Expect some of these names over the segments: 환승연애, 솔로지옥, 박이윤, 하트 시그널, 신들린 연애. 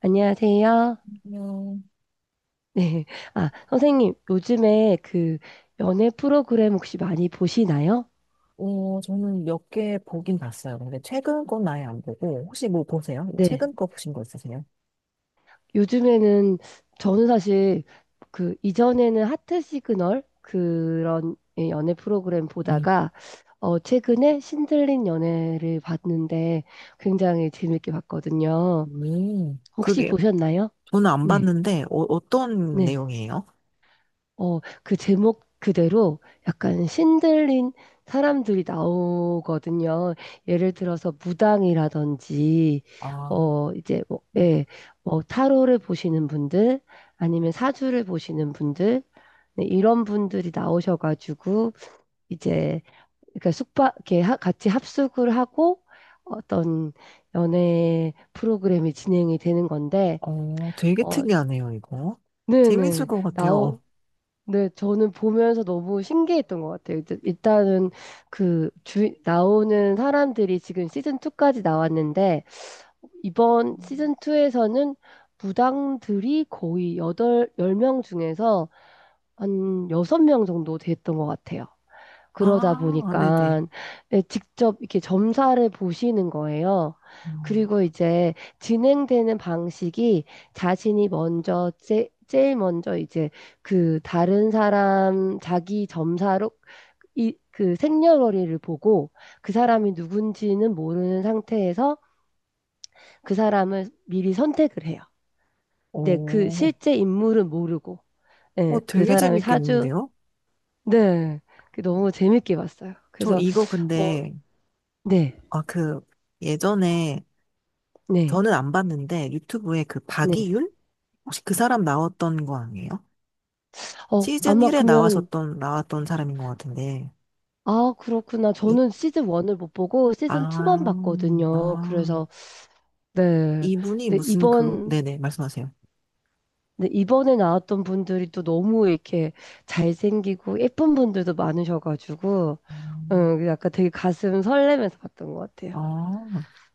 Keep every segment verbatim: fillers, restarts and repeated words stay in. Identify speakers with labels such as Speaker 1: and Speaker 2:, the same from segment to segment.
Speaker 1: 안녕하세요.
Speaker 2: 그냥,
Speaker 1: 네. 아, 선생님, 요즘에 그 연애 프로그램 혹시 많이 보시나요?
Speaker 2: 어, 저는 몇 개 보긴 봤어요. 근데 최근 건 아예 안 보고, 혹시 뭐 보세요?
Speaker 1: 네.
Speaker 2: 최근 거 보신 거 있으세요?
Speaker 1: 요즘에는 저는 사실 그 이전에는 하트 시그널 그런 예, 연애 프로그램
Speaker 2: 음,
Speaker 1: 보다가 어, 최근에 신들린 연애를 봤는데 굉장히 재밌게 봤거든요.
Speaker 2: 음,
Speaker 1: 혹시
Speaker 2: 그게
Speaker 1: 보셨나요?
Speaker 2: 저는 안
Speaker 1: 네.
Speaker 2: 봤는데 어, 어떤
Speaker 1: 네.
Speaker 2: 내용이에요?
Speaker 1: 어, 그 제목 그대로 약간 신들린 사람들이 나오거든요. 예를 들어서 무당이라든지,
Speaker 2: 아,
Speaker 1: 어, 이제, 뭐,
Speaker 2: 음.
Speaker 1: 예, 뭐, 타로를 보시는 분들, 아니면 사주를 보시는 분들, 네, 이런 분들이 나오셔가지고, 이제, 그러니까 숙박, 이렇게 하- 같이 합숙을 하고, 어떤 연애 프로그램이 진행이 되는 건데,
Speaker 2: 어, 되게
Speaker 1: 어,
Speaker 2: 특이하네요, 이거. 재밌을
Speaker 1: 네네.
Speaker 2: 것 같아요.
Speaker 1: 네, 저는 보면서 너무 신기했던 것 같아요. 일단- 일단은 그 주, 나오는 사람들이 지금 시즌 이까지 나왔는데, 이번 시즌 이에서는 무당들이 거의 여덟 열 명 중에서 한 여섯 명 정도 됐던 것 같아요. 그러다
Speaker 2: 아, 네네.
Speaker 1: 보니까 예, 직접 이렇게 점사를 보시는 거예요.
Speaker 2: 음.
Speaker 1: 그리고 이제 진행되는 방식이 자신이 먼저 제, 제일 먼저 이제 그 다른 사람 자기 점사로 이, 그 생년월일을 보고 그 사람이 누군지는 모르는 상태에서 그 사람을 미리 선택을 해요. 네, 그
Speaker 2: 오,
Speaker 1: 실제 인물은 모르고,
Speaker 2: 어,
Speaker 1: 네, 그
Speaker 2: 되게
Speaker 1: 사람의 사주,
Speaker 2: 재밌겠는데요?
Speaker 1: 네, 그 너무 재밌게 봤어요.
Speaker 2: 저
Speaker 1: 그래서,
Speaker 2: 이거
Speaker 1: 어,
Speaker 2: 근데,
Speaker 1: 네.
Speaker 2: 아, 그, 예전에,
Speaker 1: 네,
Speaker 2: 저는 안 봤는데, 유튜브에 그
Speaker 1: 네.
Speaker 2: 박이윤? 혹시 그 사람 나왔던 거 아니에요?
Speaker 1: 어,
Speaker 2: 시즌
Speaker 1: 아마
Speaker 2: 일에
Speaker 1: 그러면,
Speaker 2: 나왔었던, 나왔던 사람인 것 같은데.
Speaker 1: 아, 그렇구나.
Speaker 2: 이,
Speaker 1: 저는 시즌 일을 못 보고 시즌 이만
Speaker 2: 아,
Speaker 1: 봤거든요.
Speaker 2: 아,
Speaker 1: 그래서, 네.
Speaker 2: 이분이
Speaker 1: 근데
Speaker 2: 무슨 그,
Speaker 1: 이번,
Speaker 2: 네네, 말씀하세요.
Speaker 1: 네, 이번에 나왔던 분들이 또 너무 이렇게 잘생기고 예쁜 분들도 많으셔가지고,
Speaker 2: 음,
Speaker 1: 음, 약간 되게 가슴 설레면서 봤던 것 같아요.
Speaker 2: 아,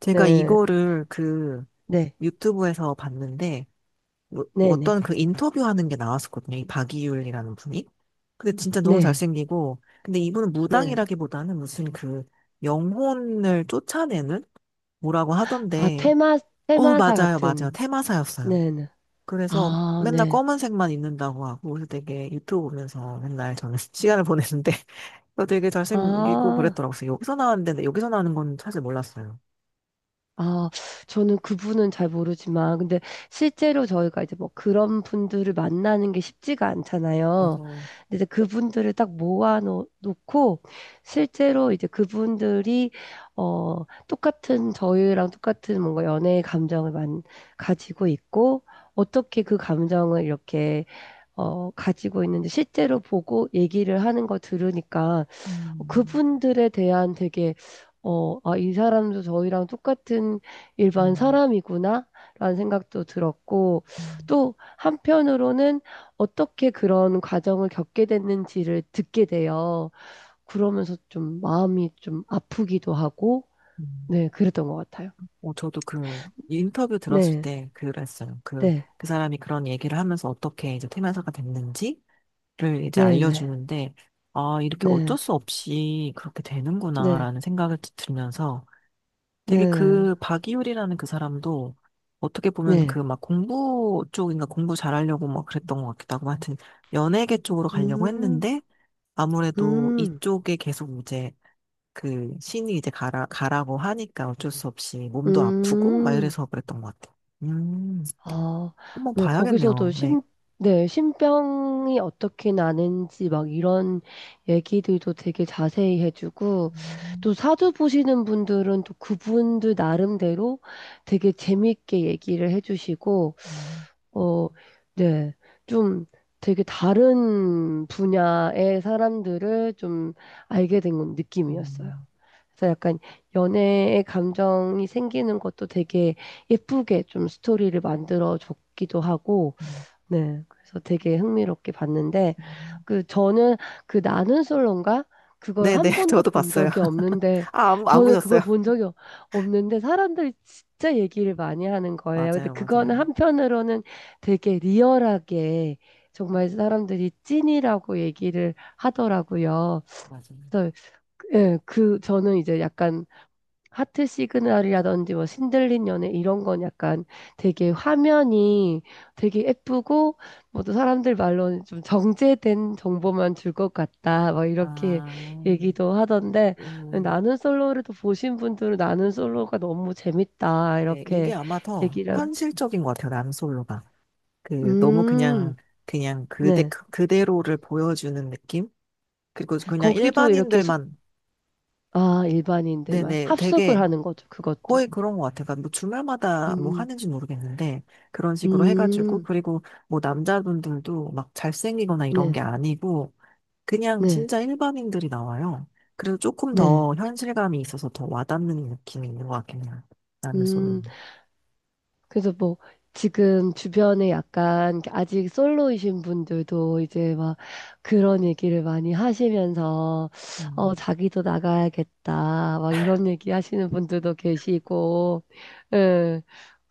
Speaker 2: 제가
Speaker 1: 네,
Speaker 2: 이거를 그
Speaker 1: 네,
Speaker 2: 유튜브에서 봤는데, 뭐- 뭐
Speaker 1: 네네,
Speaker 2: 어떤 그 인터뷰하는 게 나왔었거든요. 이 박이율이라는 분이. 근데 진짜 너무
Speaker 1: 네,
Speaker 2: 잘생기고, 근데 이분은
Speaker 1: 네. 네.
Speaker 2: 무당이라기보다는 무슨 그 영혼을 쫓아내는 뭐라고
Speaker 1: 아,
Speaker 2: 하던데,
Speaker 1: 테마,
Speaker 2: 어,
Speaker 1: 테마사
Speaker 2: 맞아요,
Speaker 1: 같은,
Speaker 2: 맞아요. 테마사였어요.
Speaker 1: 네네.
Speaker 2: 그래서
Speaker 1: 아,
Speaker 2: 맨날
Speaker 1: 네.
Speaker 2: 검은색만 입는다고 하고 그래서 되게 유튜브 보면서 맨날 저는 시간을 보냈는데 그 되게 잘생기고
Speaker 1: 아.
Speaker 2: 그랬더라고요. 그래서 여기서 나왔는데 근데 여기서 나오는 건 사실 몰랐어요.
Speaker 1: 아, 저는 그분은 잘 모르지만, 근데 실제로 저희가 이제 뭐 그런 분들을 만나는 게 쉽지가 않잖아요.
Speaker 2: 맞아.
Speaker 1: 근데 이제 그분들을 딱 모아놓고, 실제로 이제 그분들이, 어, 똑같은, 저희랑 똑같은 뭔가 연애의 감정을 만, 가지고 있고, 어떻게 그 감정을 이렇게, 어, 가지고 있는지 실제로 보고 얘기를 하는 거 들으니까, 어,
Speaker 2: 음,
Speaker 1: 그분들에 대한 되게 어, 아, 이 사람도 저희랑 똑같은 일반
Speaker 2: 음,
Speaker 1: 사람이구나 라는 생각도 들었고
Speaker 2: 음,
Speaker 1: 또 한편으로는 어떻게 그런 과정을 겪게 됐는지를 듣게 돼요. 그러면서 좀 마음이 좀 아프기도 하고
Speaker 2: 음.
Speaker 1: 네, 그랬던 것 같아요.
Speaker 2: 어, 저도 그 인터뷰 들었을
Speaker 1: 네,
Speaker 2: 때 그랬어요. 그,
Speaker 1: 네,
Speaker 2: 그 사람이 그런 얘기를 하면서 어떻게 이제 퇴면사가 됐는지를 이제
Speaker 1: 네, 네,
Speaker 2: 알려주는데, 아, 이렇게 어쩔
Speaker 1: 네,
Speaker 2: 수 없이 그렇게
Speaker 1: 네,
Speaker 2: 되는구나라는 생각을 들면서 되게
Speaker 1: 네,
Speaker 2: 그 박이율이라는 그 사람도 어떻게 보면 그
Speaker 1: 네.
Speaker 2: 막 공부 쪽인가 공부 잘하려고 막 그랬던 것 같기도 하고 하여튼 연예계 쪽으로 가려고
Speaker 1: 음,
Speaker 2: 했는데 아무래도
Speaker 1: 음,
Speaker 2: 이쪽에 계속 이제 그 신이 이제 가라, 가라고 하니까 어쩔 수 없이 몸도 아프고 막
Speaker 1: 음.
Speaker 2: 이래서 그랬던 것 같아요. 음,
Speaker 1: 아,
Speaker 2: 한번
Speaker 1: 네, 거기서도
Speaker 2: 봐야겠네요. 네.
Speaker 1: 심, 네, 신병이 어떻게 나는지 막 이런 얘기들도 되게 자세히 해주고,
Speaker 2: 음,
Speaker 1: 또 사주 보시는 분들은 또 그분들 나름대로 되게 재밌게 얘기를 해주시고,
Speaker 2: 음,
Speaker 1: 어, 네, 좀 되게 다른 분야의 사람들을 좀 알게 된 느낌이었어요.
Speaker 2: 음,
Speaker 1: 그래서 약간 연애의 감정이 생기는 것도 되게 예쁘게 좀 스토리를 만들어 줬기도 하고,
Speaker 2: 음,
Speaker 1: 네. 그래서 되게 흥미롭게 봤는데,
Speaker 2: 음.
Speaker 1: 그 저는 그 나는 솔로인가? 그걸
Speaker 2: 네네,
Speaker 1: 한 번도
Speaker 2: 저도
Speaker 1: 본
Speaker 2: 봤어요.
Speaker 1: 적이 없는데,
Speaker 2: 아, 안, 안
Speaker 1: 저는
Speaker 2: 보셨어요?
Speaker 1: 그걸 본 적이 없- 없는데, 사람들이 진짜 얘기를 많이 하는 거예요. 근데
Speaker 2: 맞아요,
Speaker 1: 그거는
Speaker 2: 맞아요.
Speaker 1: 한편으로는 되게 리얼하게 정말 사람들이 찐이라고 얘기를 하더라고요.
Speaker 2: 맞아요.
Speaker 1: 그래서 그, 예, 그 저는 이제 약간 하트 시그널이라든지 뭐 신들린 연애 이런 건 약간 되게 화면이 되게 예쁘고 뭐 또 사람들 말로는 좀 정제된 정보만 줄 것 같다 막 이렇게
Speaker 2: 아,
Speaker 1: 얘기도 하던데
Speaker 2: 음.
Speaker 1: 나는 솔로를 또 보신 분들은 나는 솔로가 너무 재밌다
Speaker 2: 네, 이게
Speaker 1: 이렇게
Speaker 2: 아마 더
Speaker 1: 얘기를 하고.
Speaker 2: 현실적인 것 같아요, 람솔로가. 그, 너무
Speaker 1: 음,
Speaker 2: 그냥, 그냥 그대,
Speaker 1: 네.
Speaker 2: 그대로를 보여주는 느낌? 그리고 그냥
Speaker 1: 거기도 이렇게 숙,
Speaker 2: 일반인들만,
Speaker 1: 아, 일반인들만
Speaker 2: 네네,
Speaker 1: 합숙을
Speaker 2: 되게
Speaker 1: 하는 거죠. 그것도.
Speaker 2: 거의 그런 것 같아요. 그러니까 뭐 주말마다 뭐
Speaker 1: 음,
Speaker 2: 하는지 모르겠는데, 그런 식으로 해가지고,
Speaker 1: 음,
Speaker 2: 그리고 뭐 남자분들도 막 잘생기거나 이런
Speaker 1: 네,
Speaker 2: 게 아니고, 그냥
Speaker 1: 네,
Speaker 2: 진짜 일반인들이 나와요. 그래서 조금
Speaker 1: 네.
Speaker 2: 더 현실감이 있어서 더 와닿는 느낌이 있는 것 같긴 해요,
Speaker 1: 음.
Speaker 2: 람솔로는.
Speaker 1: 그래서 뭐 지금 주변에 약간 아직 솔로이신 분들도 이제 막 그런 얘기를 많이 하시면서 어
Speaker 2: 음.
Speaker 1: 자기도 나가야겠다 막 이런 얘기 하시는 분들도 계시고 예.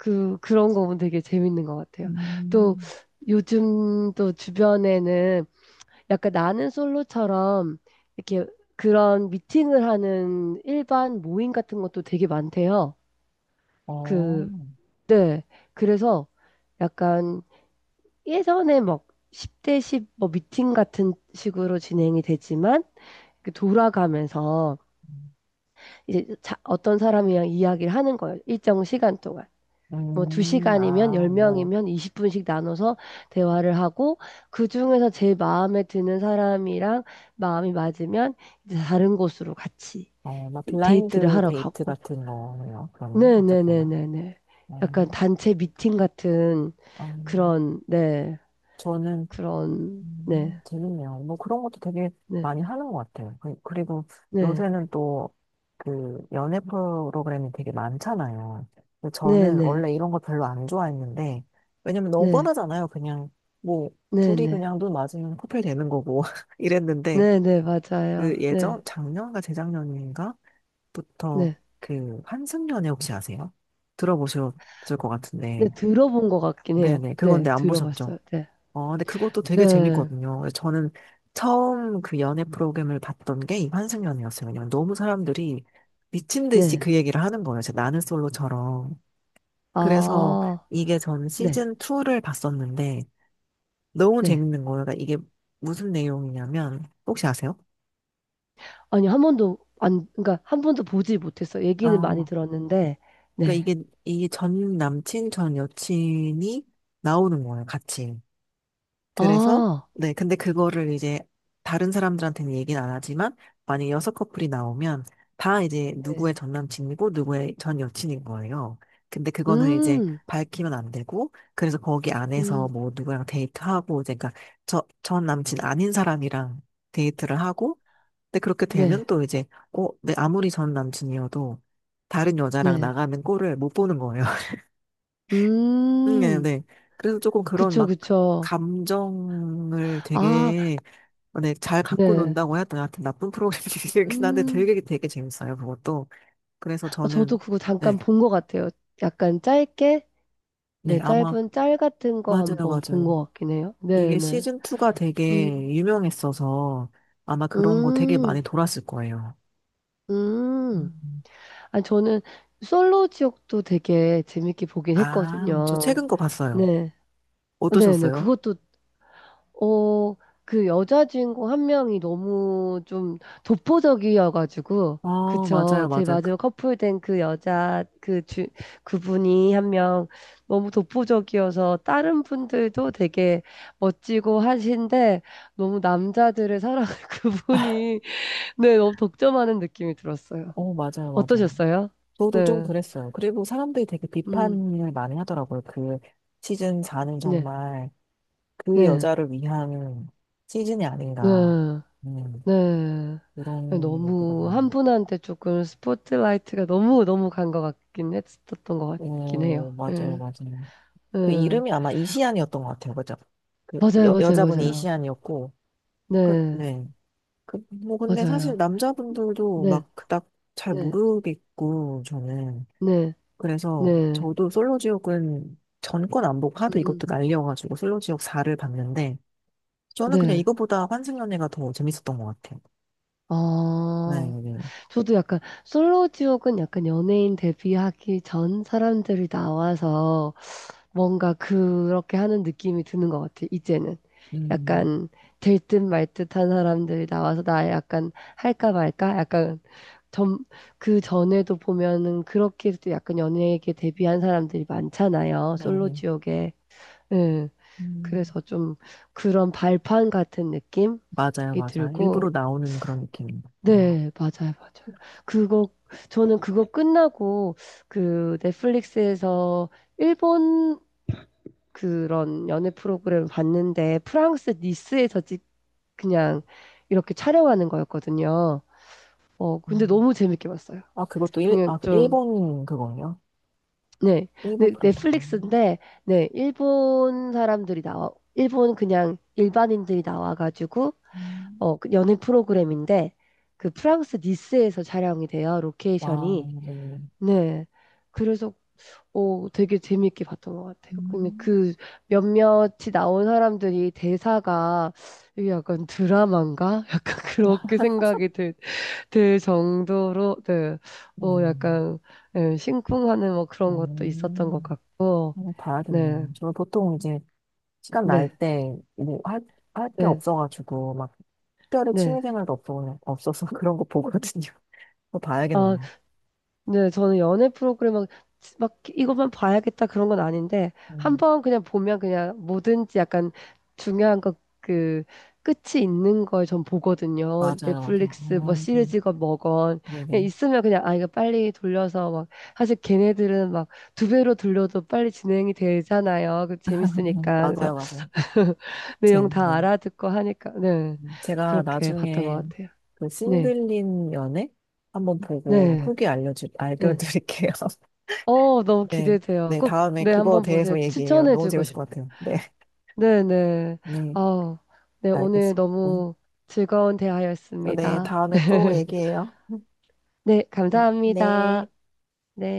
Speaker 1: 그 그런 거 보면 되게 재밌는 것 같아요. 또
Speaker 2: 음,
Speaker 1: 요즘 또 주변에는 약간 나는 솔로처럼 이렇게 그런 미팅을 하는 일반 모임 같은 것도 되게 많대요.
Speaker 2: 어.
Speaker 1: 그 네. 그래서 약간 예전에 막 십 대 십 뭐 미팅 같은 식으로 진행이 되지만 그 돌아가면서 이제 자- 어떤 사람이랑 이야기를 하는 거예요. 일정 시간 동안. 뭐
Speaker 2: 음,
Speaker 1: 두 시간이면
Speaker 2: 아, 뭐,
Speaker 1: 열 명이면 이십 분씩 나눠서 대화를 하고 그중에서 제일 마음에 드는 사람이랑 마음이 맞으면 이제 다른 곳으로 같이
Speaker 2: 어, 막
Speaker 1: 데이트를
Speaker 2: 블라인드
Speaker 1: 하러
Speaker 2: 데이트
Speaker 1: 가고.
Speaker 2: 같은 거예요, 그러면, 어쨌거나.
Speaker 1: 네네네네네. 약간
Speaker 2: 음,
Speaker 1: 단체 미팅 같은
Speaker 2: 음,
Speaker 1: 그런, 네.
Speaker 2: 저는,
Speaker 1: 그런 네.
Speaker 2: 음, 재밌네요. 뭐 그런 것도 되게
Speaker 1: 네.
Speaker 2: 많이 하는 것 같아요. 그- 그리고
Speaker 1: 네.
Speaker 2: 요새는 또, 그, 연애 프로그램이 되게 많잖아요. 근데
Speaker 1: 네
Speaker 2: 저는
Speaker 1: 네.
Speaker 2: 원래 이런 거 별로 안 좋아했는데, 왜냐면 너무
Speaker 1: 네.
Speaker 2: 뻔하잖아요. 그냥, 뭐,
Speaker 1: 네
Speaker 2: 둘이
Speaker 1: 네.
Speaker 2: 그냥 눈 맞으면 커플 되는 거고, 이랬는데,
Speaker 1: 네 네.
Speaker 2: 그
Speaker 1: 맞아요. 네.
Speaker 2: 예전, 작년과 재작년인가? 부터
Speaker 1: 네.
Speaker 2: 그 환승연애 혹시 아세요? 들어보셨을 것
Speaker 1: 네.
Speaker 2: 같은데.
Speaker 1: 들어본 것 같긴 해요.
Speaker 2: 네네.
Speaker 1: 네.
Speaker 2: 그건데 안 보셨죠?
Speaker 1: 들어봤어요. 네.
Speaker 2: 어, 근데 그것도 되게
Speaker 1: 네.
Speaker 2: 재밌거든요. 저는 처음 그 연애 프로그램을 봤던 게 이 환승연애였어요. 왜냐면 너무 사람들이 미친 듯이
Speaker 1: 네.
Speaker 2: 그 얘기를 하는 거예요. 제 나는 솔로처럼. 그래서
Speaker 1: 아.
Speaker 2: 이게 전
Speaker 1: 네.
Speaker 2: 시즌 이를 봤었는데 너무
Speaker 1: 네.
Speaker 2: 재밌는 거예요. 그러니까 이게 무슨 내용이냐면 혹시 아세요?
Speaker 1: 아니 한 번도 안 그러니까 한 번도 보지 못했어요. 얘기는 많이
Speaker 2: 아,
Speaker 1: 들었는데
Speaker 2: 그러니까
Speaker 1: 네.
Speaker 2: 이게 이게 전 남친 전 여친이 나오는 거예요, 같이. 그래서,
Speaker 1: 아.
Speaker 2: 네, 근데 그거를 이제 다른 사람들한테는 얘기는 안 하지만, 만약에 여섯 커플이 나오면, 다 이제
Speaker 1: 네.
Speaker 2: 누구의 전 남친이고, 누구의 전 여친인 거예요. 근데 그거는 이제
Speaker 1: 음.
Speaker 2: 밝히면 안 되고, 그래서 거기 안에서
Speaker 1: 음.
Speaker 2: 뭐 누구랑 데이트하고, 이제 그러니까 저, 전 남친 아닌 사람이랑 데이트를 하고, 근데 그렇게 되면
Speaker 1: 네.
Speaker 2: 또 이제, 어, 내 아무리 전 남친이어도 다른 여자랑
Speaker 1: 네.
Speaker 2: 나가는 꼴을 못 보는 거예요. 음, 네,
Speaker 1: 음.
Speaker 2: 네. 그래서 조금 그런
Speaker 1: 그쵸,
Speaker 2: 막
Speaker 1: 그쵸.
Speaker 2: 감정을
Speaker 1: 아.
Speaker 2: 되게 어, 네, 잘 갖고
Speaker 1: 네.
Speaker 2: 논다고 해야 되나 하여튼 나쁜 프로그램이긴 한데
Speaker 1: 음.
Speaker 2: 되게 되게 재밌어요 그것도. 그래서
Speaker 1: 어, 저도
Speaker 2: 저는
Speaker 1: 그거
Speaker 2: 네,
Speaker 1: 잠깐 본 것 같아요. 약간 짧게,
Speaker 2: 네
Speaker 1: 네,
Speaker 2: 아마
Speaker 1: 짧은 짤 같은 거
Speaker 2: 맞아요
Speaker 1: 한번 본
Speaker 2: 맞아요.
Speaker 1: 것 같긴 해요.
Speaker 2: 이게
Speaker 1: 네네.
Speaker 2: 시즌 이가 되게
Speaker 1: 음,
Speaker 2: 유명했어서 아마 그런 거 되게
Speaker 1: 음,
Speaker 2: 많이 돌았을 거예요.
Speaker 1: 음.
Speaker 2: 음.
Speaker 1: 아, 저는 솔로 지옥도 되게 재밌게 보긴
Speaker 2: 아, 저
Speaker 1: 했거든요.
Speaker 2: 최근 거 봤어요.
Speaker 1: 네. 어, 네네.
Speaker 2: 어떠셨어요?
Speaker 1: 그것도 어, 그 여자 주인공 한 명이 너무 좀 독보적이어가지고,
Speaker 2: 어, 맞아요
Speaker 1: 그쵸. 제
Speaker 2: 맞아요. 그-
Speaker 1: 마지막 커플된 그 여자, 그 주, 그분이 한 명 너무 독보적이어서 다른 분들도 되게 멋지고 하신데, 너무 남자들의 사랑을 그분이, 네, 너무 독점하는 느낌이 들었어요.
Speaker 2: 어, 맞아요 맞아요.
Speaker 1: 어떠셨어요?
Speaker 2: 저도 좀
Speaker 1: 네.
Speaker 2: 그랬어요. 그리고 사람들이 되게
Speaker 1: 음,
Speaker 2: 비판을 많이 하더라고요. 그 시즌 사는
Speaker 1: 네,
Speaker 2: 정말 그
Speaker 1: 네,
Speaker 2: 여자를 위한 시즌이
Speaker 1: 네,
Speaker 2: 아닌가. 음,
Speaker 1: 네. 네. 네,
Speaker 2: 이런 얘기가
Speaker 1: 너무
Speaker 2: 많이
Speaker 1: 한
Speaker 2: 나요.
Speaker 1: 분한테 조금 스포트라이트가 너무 너무 간 것 같긴 했었던 것 같긴 해요.
Speaker 2: 오, 맞아요,
Speaker 1: 예.
Speaker 2: 맞아요. 그
Speaker 1: 예.
Speaker 2: 이름이 아마 이시안이었던 것 같아요. 그죠? 그
Speaker 1: 맞아요,
Speaker 2: 여,
Speaker 1: 맞아요,
Speaker 2: 여자분이
Speaker 1: 맞아요.
Speaker 2: 이시안이었고, 그,
Speaker 1: 네,
Speaker 2: 네. 그, 뭐, 근데 사실
Speaker 1: 맞아요.
Speaker 2: 남자분들도
Speaker 1: 네,
Speaker 2: 막 그닥 잘
Speaker 1: 네,
Speaker 2: 모르겠고, 저는.
Speaker 1: 네,
Speaker 2: 그래서
Speaker 1: 네.
Speaker 2: 저도 솔로지옥은 전권 안 보고 하도
Speaker 1: 음,
Speaker 2: 이것도 날려가지고 솔로지옥 사를 봤는데 저는 그냥
Speaker 1: 네.
Speaker 2: 이거보다 환승연애가 더 재밌었던 것 같아요. 네,
Speaker 1: 아,
Speaker 2: 네.
Speaker 1: 저도 약간 솔로 지옥은 약간 연예인 데뷔하기 전 사람들이 나와서 뭔가 그렇게 하는 느낌이 드는 것 같아, 이제는.
Speaker 2: 음,
Speaker 1: 약간 될 듯 말 듯한 사람들이 나와서 나 약간 할까 말까? 약간 점, 그 전에도 보면은 그렇게도 약간 연예계 데뷔한 사람들이 많잖아요.
Speaker 2: 네,
Speaker 1: 솔로
Speaker 2: 네.
Speaker 1: 지옥에. 예.
Speaker 2: 음,
Speaker 1: 그래서 좀 그런 발판 같은 느낌이
Speaker 2: 맞아요, 맞아요. 일부러
Speaker 1: 들고.
Speaker 2: 나오는 그런 느낌입니다. 음.
Speaker 1: 네, 맞아요, 맞아요. 그거, 저는 그거 끝나고 그 넷플릭스에서 일본 그런 연애 프로그램을 봤는데 프랑스 니스에서 찍 그냥 이렇게 촬영하는 거였거든요. 어, 근데
Speaker 2: 음.
Speaker 1: 너무 재밌게 봤어요.
Speaker 2: 아, 그것도 일,
Speaker 1: 그냥
Speaker 2: 아, 그
Speaker 1: 좀
Speaker 2: 일본 그거예요?
Speaker 1: 네.
Speaker 2: 일본
Speaker 1: 네,
Speaker 2: 프로그램.
Speaker 1: 넷플릭스인데 네, 일본 사람들이 나와 일본 그냥 일반인들이 나와 가지고
Speaker 2: 음.
Speaker 1: 어, 그 연애 프로그램인데 그 프랑스 니스에서 촬영이 돼요.
Speaker 2: 와,
Speaker 1: 로케이션이.
Speaker 2: 네.
Speaker 1: 네. 그래서 어, 되게 재밌게 봤던 것 같아요. 근데
Speaker 2: 음,
Speaker 1: 그 몇몇이 나온 사람들이 대사가 이게 약간 드라마인가? 약간 그렇게 생각이 들, 들 정도로, 네. 어,
Speaker 2: 음,
Speaker 1: 약간, 예, 심쿵하는 뭐 그런 것도 있었던 것
Speaker 2: 음.
Speaker 1: 같고,
Speaker 2: 한번
Speaker 1: 네.
Speaker 2: 봐야겠네요. 저는 보통 이제 시간 날
Speaker 1: 네.
Speaker 2: 때, 뭐, 할, 할 게
Speaker 1: 네.
Speaker 2: 없어가지고, 막, 특별히
Speaker 1: 네.
Speaker 2: 취미생활도 없어, 없어서 그런 거 보거든요. 그거 봐야겠네.
Speaker 1: 아, 네, 저는 연애 프로그램 막, 막 이것만 봐야겠다 그런 건 아닌데, 한
Speaker 2: 음,
Speaker 1: 번 그냥 보면 그냥 뭐든지 약간 중요한 것 그 끝이 있는 걸 전 보거든요.
Speaker 2: 맞아요, 맞아요.
Speaker 1: 넷플릭스 뭐
Speaker 2: 음, 음,
Speaker 1: 시리즈건 뭐건. 그냥
Speaker 2: 네네.
Speaker 1: 있으면 그냥 아, 이거 빨리 돌려서 막, 사실 걔네들은 막 두 배로 돌려도 빨리 진행이 되잖아요. 그 재밌으니까. 그래서
Speaker 2: 맞아요, 맞아요. 제,
Speaker 1: 내용 다
Speaker 2: 네.
Speaker 1: 알아듣고 하니까, 네.
Speaker 2: 음, 제가
Speaker 1: 그렇게 봤던
Speaker 2: 나중에
Speaker 1: 것 같아요.
Speaker 2: 그
Speaker 1: 네.
Speaker 2: 신들린 연애 한번 보고
Speaker 1: 네.
Speaker 2: 후기 알려주,
Speaker 1: 네.
Speaker 2: 알려드릴게요.
Speaker 1: 어, 너무
Speaker 2: 네.
Speaker 1: 기대돼요.
Speaker 2: 네,
Speaker 1: 꼭,
Speaker 2: 다음에
Speaker 1: 네,
Speaker 2: 그거
Speaker 1: 한번 보세요.
Speaker 2: 대해서 얘기해요. 너무
Speaker 1: 추천해주고
Speaker 2: 재밌을
Speaker 1: 싶,
Speaker 2: 것 같아요. 네.
Speaker 1: 네네.
Speaker 2: 네,
Speaker 1: 어, 네, 오늘
Speaker 2: 알겠습니다.
Speaker 1: 너무 즐거운
Speaker 2: 네,
Speaker 1: 대화였습니다.
Speaker 2: 다음에 또 얘기해요. 음,
Speaker 1: 네,
Speaker 2: 음,
Speaker 1: 감사합니다.
Speaker 2: 네.
Speaker 1: 네.